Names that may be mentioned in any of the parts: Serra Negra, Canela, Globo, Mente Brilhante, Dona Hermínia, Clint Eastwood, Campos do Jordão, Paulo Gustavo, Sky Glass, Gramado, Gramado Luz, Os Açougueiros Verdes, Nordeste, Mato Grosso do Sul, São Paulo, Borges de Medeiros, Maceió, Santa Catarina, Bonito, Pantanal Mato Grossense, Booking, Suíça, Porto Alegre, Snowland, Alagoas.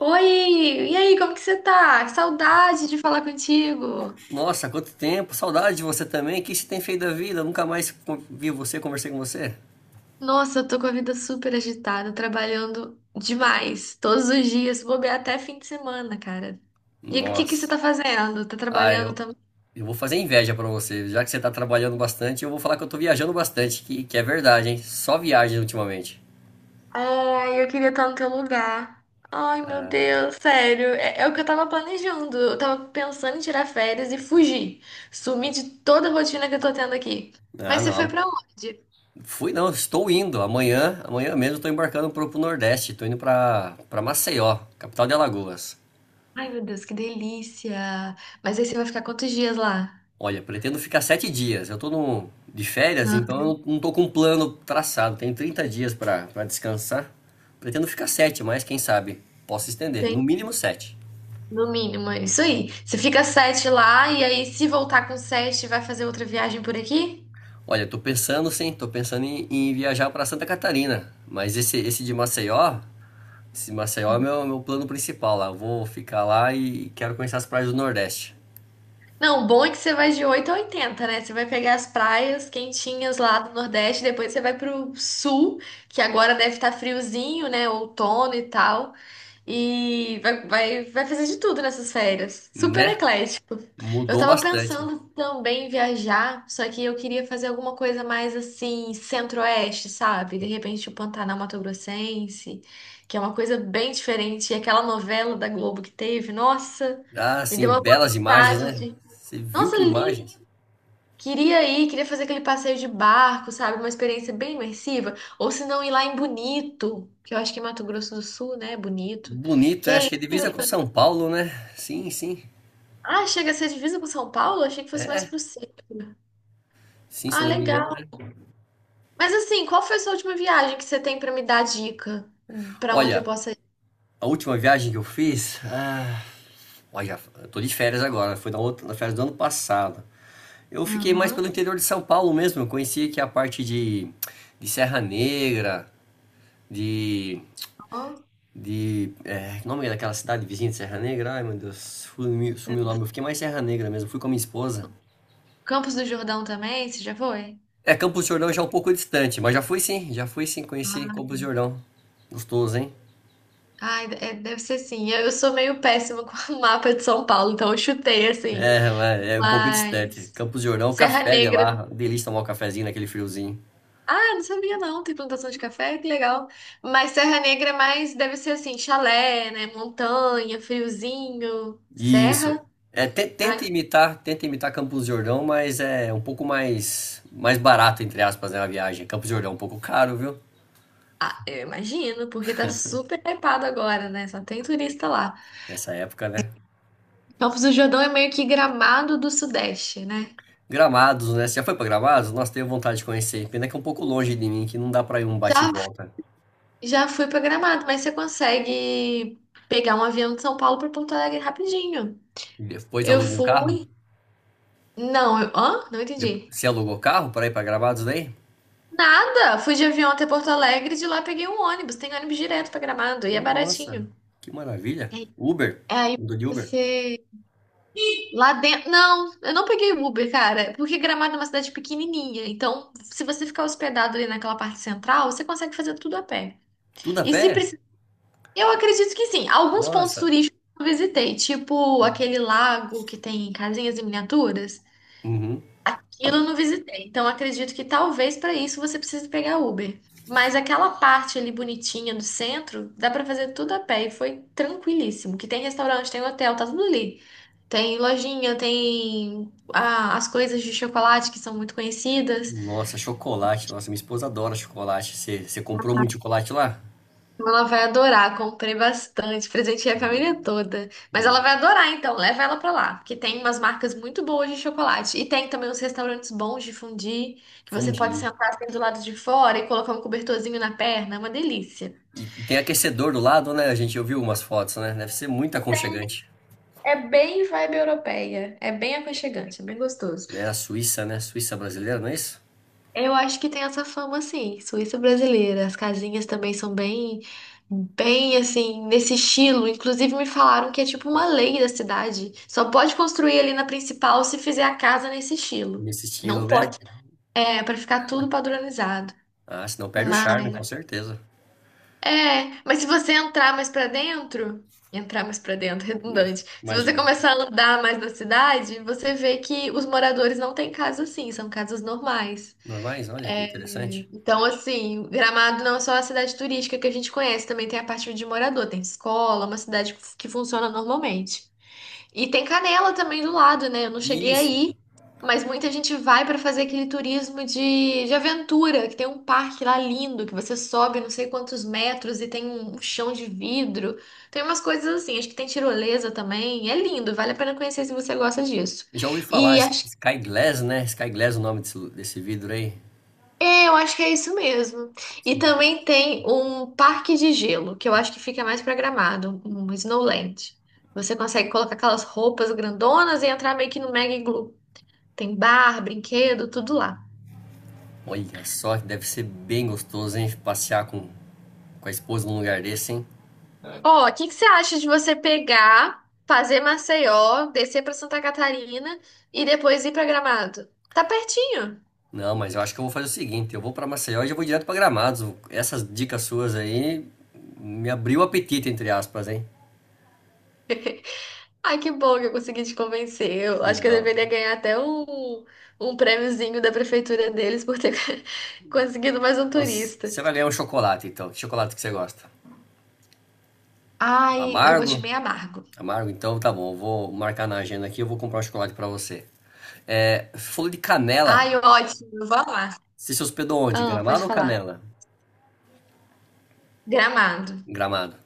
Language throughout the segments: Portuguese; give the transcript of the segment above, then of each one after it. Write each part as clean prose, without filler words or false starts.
Oi! E aí, como que você tá? Que saudade de falar contigo! Nossa, quanto tempo, saudade de você também. O que você tem feito da vida? Nunca mais vi você, conversei com você. Nossa, eu tô com a vida super agitada, trabalhando demais, todos os dias, vou bobear até fim de semana, cara. E o que que você Nossa. tá fazendo? Tá Ah, trabalhando eu, também? eu vou fazer inveja pra você. Já que você tá trabalhando bastante, eu vou falar que eu tô viajando bastante, que é verdade, hein? Só viagem ultimamente. Ai, eu queria estar no teu lugar. Ai, meu Ah, Deus, sério, é o que eu tava planejando. Eu tava pensando em tirar férias e fugir, sumir de toda a rotina que eu tô tendo aqui. Mas você foi pra não. onde? Fui não, estou indo. Amanhã mesmo, estou embarcando pro Nordeste. Estou indo pra para Maceió, capital de Alagoas. Ai, meu Deus, que delícia! Mas aí você vai ficar quantos dias lá? Olha, pretendo ficar 7 dias. Eu tô no, de férias, Ah, então eu não tô com um plano traçado. Tenho 30 dias para descansar. Pretendo ficar sete, mas quem sabe posso estender. No tem, mínimo sete. no mínimo, é isso aí. Você fica sete lá e aí, se voltar com sete, vai fazer outra viagem por aqui? Olha, tô pensando sim, tô pensando em viajar para Santa Catarina. Mas esse de Maceió, esse Maceió é meu plano principal lá. Eu vou ficar lá e quero conhecer as praias do Nordeste. Não, o bom é que você vai de 8 a oitenta, né? Você vai pegar as praias quentinhas lá do Nordeste, depois você vai pro Sul, que agora deve estar friozinho, né? Outono e tal. E vai fazer de tudo nessas férias. Super Né? eclético. Eu Mudou tava bastante. pensando também em viajar, só que eu queria fazer alguma coisa mais assim, centro-oeste, sabe? De repente o Pantanal Mato Grossense, que é uma coisa bem diferente. E aquela novela da Globo que teve, nossa, Ah, me sim, deu uma belas imagens, vontade né? de. Você viu Nossa, que lindo! imagens? Queria ir, queria fazer aquele passeio de barco, sabe? Uma experiência bem imersiva. Ou se não, ir lá em Bonito, que eu acho que é Mato Grosso do Sul, né? Bonito. Bonito, Que né? Acho é que é divisa com São Paulo, né? Sim, sim. Ah, chega a ser divisa com São Paulo? Achei que fosse mais É, pro sul. sim, se eu Ah, não me engano, né? legal. Mas assim, qual foi a sua última viagem que você tem pra me dar dica? Pra onde eu Olha, possa ir? a última viagem que eu fiz. Ah, olha, eu tô de férias agora, foi na outra, na férias do ano passado. Eu fiquei mais pelo Aham. interior de São Paulo mesmo. Eu conheci aqui de Serra Negra, de. Ó. Que nome é daquela cidade vizinha de Serra Negra? Ai, meu Deus, sumiu o nome. Eu fiquei mais Serra Negra mesmo, fui com a minha esposa. Campos do Jordão também? Você já foi? É, Campos do Jordão já é um pouco distante, mas já fui sim, conheci Campos do Jordão. Gostoso, hein? Ai, deve ser sim. Eu sou meio péssima com o mapa de São Paulo, então eu chutei assim. É um pouco distante. Mas. Campos de Jordão, o Serra café de Negra. lá, delícia tomar um cafezinho naquele friozinho. Ah, não sabia não. Tem plantação de café? Que legal. Mas Serra Negra é mais. Deve ser assim: chalé, né? Montanha, friozinho, Isso. serra. É, Ah. Tenta imitar Campos de Jordão, mas é um pouco mais barato entre aspas, né, a viagem. Campos de Jordão é um pouco caro, viu? Ah, eu imagino, porque tá super hypado agora, né? Só tem turista lá. Nessa época, né? Campos do Jordão é meio que Gramado do Sudeste, né? Gramados, né? Você já foi pra Gramados? Nossa, tenho vontade de conhecer. Pena que é um pouco longe de mim, que não dá pra ir um bate e Já, volta. já fui pra Gramado, mas você consegue pegar um avião de São Paulo pra Porto Alegre rapidinho. Depois Eu aluga um carro? fui. Não, eu... Hã? Não Depois, entendi. você alugou carro pra ir pra Gramados daí? Nada! Fui de avião até Porto Alegre e de lá peguei um ônibus. Tem ônibus direto pra Gramado e é Nossa, baratinho. que maravilha. É, Uber? aí Andou de Uber? você lá dentro. Não, eu não peguei Uber, cara, porque Gramado é uma cidade pequenininha. Então, se você ficar hospedado ali naquela parte central, você consegue fazer tudo a pé. Tudo a E se pé? precisar. Eu acredito que sim. Alguns pontos Nossa. turísticos eu visitei, tipo aquele lago que tem casinhas em miniaturas. Uhum. Aquilo eu não visitei, então acredito que talvez para isso você precise pegar Uber. Mas aquela parte ali bonitinha do centro, dá para fazer tudo a pé e foi tranquilíssimo. Que tem restaurante, tem hotel, tá tudo ali. Tem lojinha, tem as coisas de chocolate que são muito conhecidas. Nossa, chocolate. Nossa, minha esposa adora chocolate. Você comprou muito chocolate lá? Ela vai adorar, comprei bastante, presenteei a Olha, família toda. Mas ela não, vai adorar, então, leva ela pra lá, porque tem umas marcas muito boas de chocolate. E tem também uns restaurantes bons de fondue, que você pode fundi. sentar assim do lado de fora e colocar um cobertorzinho na perna, é uma delícia. E tem aquecedor do lado, né? A gente ouviu umas fotos, né? Deve ser muito aconchegante. É bem vibe europeia, é bem aconchegante, é bem gostoso. Né? A Suíça, né? Suíça brasileira, não é isso? Eu acho que tem essa fama, assim, Suíça brasileira. As casinhas também são bem, bem assim, nesse estilo. Inclusive, me falaram que é tipo uma lei da cidade. Só pode construir ali na principal se fizer a casa nesse estilo. Nesse estilo, Não né? pode. É, pra ficar tudo padronizado. Ah, senão perde o charme, com Mas, certeza. é, mas se você entrar mais pra dentro, entrar mais pra dentro, Né? redundante. Se você Imagino. começar a andar mais na cidade, você vê que os moradores não têm casa assim, são casas normais. Normais, olha que interessante. Então, assim, Gramado não é só a cidade turística que a gente conhece, também tem a parte de morador, tem escola, uma cidade que funciona normalmente. E tem Canela também do lado, né? Eu não E cheguei isso. aí, mas muita gente vai para fazer aquele turismo de aventura, que tem um parque lá lindo, que você sobe não sei quantos metros e tem um chão de vidro. Tem umas coisas assim, acho que tem tirolesa também. É lindo, vale a pena conhecer se você gosta disso. Já ouvi falar, E acho Sky Glass, né? Sky Glass é o nome desse vidro aí. É, eu acho que é isso mesmo. E Sim. também tem um parque de gelo, que eu acho que fica mais pra Gramado, um Snowland. Você consegue colocar aquelas roupas grandonas e entrar meio que no mega iglu. Tem bar, brinquedo, tudo lá. Olha só, deve ser bem gostoso, hein? Passear com a esposa num lugar desse, hein? Ó, o que que você acha de você pegar, fazer Maceió, descer pra Santa Catarina e depois ir pra Gramado? Tá pertinho. Não, mas eu acho que eu vou fazer o seguinte, eu vou para Maceió e já vou direto para Gramados. Essas dicas suas aí me abriu o apetite, entre aspas, hein? Ai, que bom que eu consegui te convencer. Eu acho que eu Não. deveria ganhar até um, um prêmiozinho da prefeitura deles por ter conseguido mais um Nossa, turista. você vai ganhar um chocolate, então. Que chocolate que você gosta? Ai, eu gosto de Amargo? meio amargo. Amargo? Então tá bom, eu vou marcar na agenda aqui, eu vou comprar um chocolate para você. É, falou de canela. Ai, ótimo, eu vou amar. Você se hospedou onde? Ah, pode Gramado ou falar. Canela? Gramado. Gramado.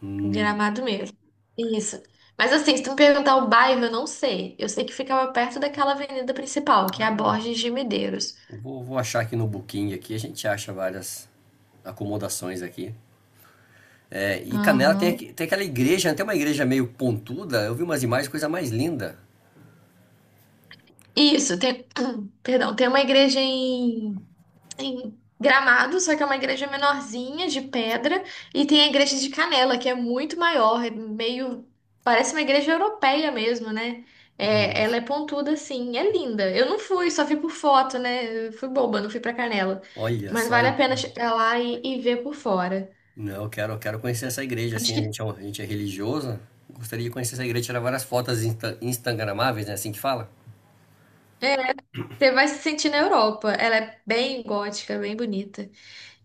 Hum. Gramado mesmo. Isso. Mas assim, se tu me perguntar o bairro, eu não sei. Eu sei que ficava perto daquela avenida principal, que é a Ah, Borges de Medeiros. Vou achar aqui no Booking aqui, a gente acha várias acomodações aqui. É, e Canela tem, Aham. Tem aquela igreja, né? Tem uma igreja meio pontuda. Eu vi umas imagens, coisa mais linda. Isso, tem... Perdão, tem uma igreja em Gramado, só que é uma igreja menorzinha, de pedra, e tem a igreja de Canela, que é muito maior, é meio. Parece uma igreja europeia mesmo, né? É, ela Nossa. é pontuda assim, é linda. Eu não fui, só fui por foto, né? Eu fui boba, não fui pra Canela. Olha Mas só, vale a pena então. chegar lá e ver por fora. Não, eu quero conhecer essa igreja, Acho assim, que a gente é religioso. Gostaria de conhecer essa igreja, tirar várias fotos instagramáveis, né? Assim que fala. é, você vai se sentir na Europa. Ela é bem gótica, bem bonita.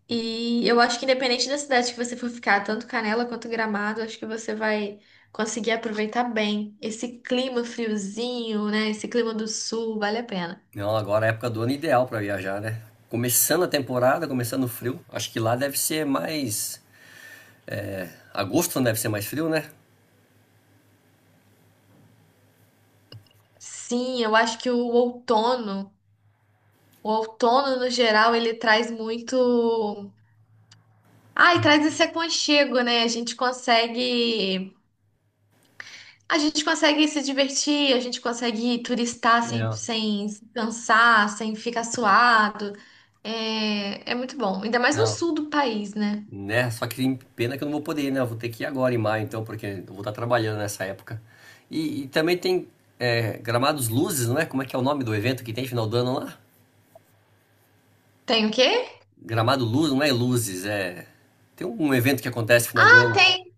E eu acho que independente da cidade que você for ficar, tanto Canela quanto Gramado, acho que você vai conseguir aproveitar bem esse clima friozinho, né? Esse clima do sul, vale a pena. Não, agora é a época do ano ideal para viajar, né? Começando a temporada, começando o frio. Acho que lá deve ser mais. Agosto não deve ser mais frio, né? Sim, eu acho que o outono no geral, ele traz muito. Ai, traz esse aconchego, né? A gente consegue. A gente consegue se divertir, a gente consegue turistar sem, É, sem se cansar, sem ficar suado. É, é muito bom. Ainda mais no não. sul do país, né? Né? Só que tem pena que eu não vou poder ir, né? Eu vou ter que ir agora em maio, então, porque eu vou estar trabalhando nessa época. E também tem Gramados Luzes, não é? Como é que é o nome do evento que tem final do ano lá? Tem o quê? Gramado Luz, não é Luzes, é. Tem um evento que acontece final do Ah, ano. tem.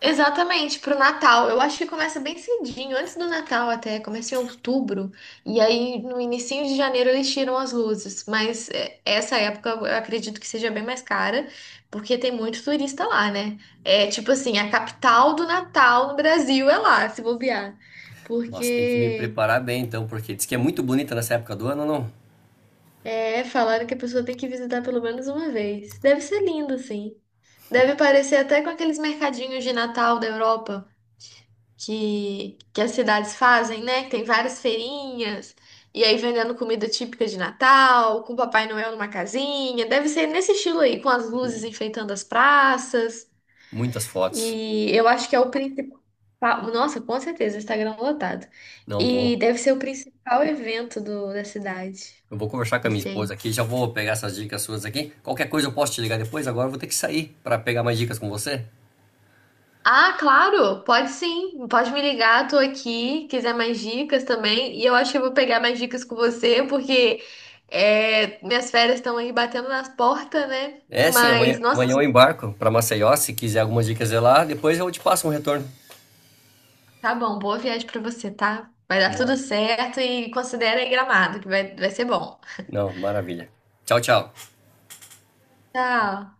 Exatamente, pro Natal. Eu acho que começa bem cedinho, antes do Natal até, começa em outubro, e aí no inicinho de janeiro eles tiram as luzes, mas essa época eu acredito que seja bem mais cara, porque tem muito turista lá, né? É tipo assim, a capital do Natal no Brasil é lá, se bobear, Nossa, tem que me porque preparar bem então, porque diz que é muito bonita nessa época do ano, não? é falaram que a pessoa tem que visitar pelo menos uma vez. Deve ser lindo, sim. Deve parecer até com aqueles mercadinhos de Natal da Europa, que as cidades fazem, né? Que tem várias feirinhas, e aí vendendo comida típica de Natal, com o Papai Noel numa casinha. Deve ser nesse estilo aí, com as luzes enfeitando as praças. Muitas fotos. E eu acho que é o principal. Nossa, com certeza, Instagram lotado. Não E vou. deve ser o principal evento da cidade. Eu vou conversar com a minha Esse esposa aí. aqui, já vou pegar essas dicas suas aqui. Qualquer coisa eu posso te ligar depois, agora eu vou ter que sair para pegar mais dicas com você. Ah, claro, pode sim. Pode me ligar, tô aqui. Quiser mais dicas também. E eu acho que eu vou pegar mais dicas com você, porque minhas férias estão aí batendo nas portas, né? É, sim, Mas, nossa, amanhã eu embarco para Maceió, se quiser algumas dicas de lá, depois eu te passo um retorno. tá bom. Boa viagem pra você, tá? Vai dar Boa. tudo certo e considera aí Gramado, que vai ser bom. Não, maravilha. Tchau, tchau. Tchau.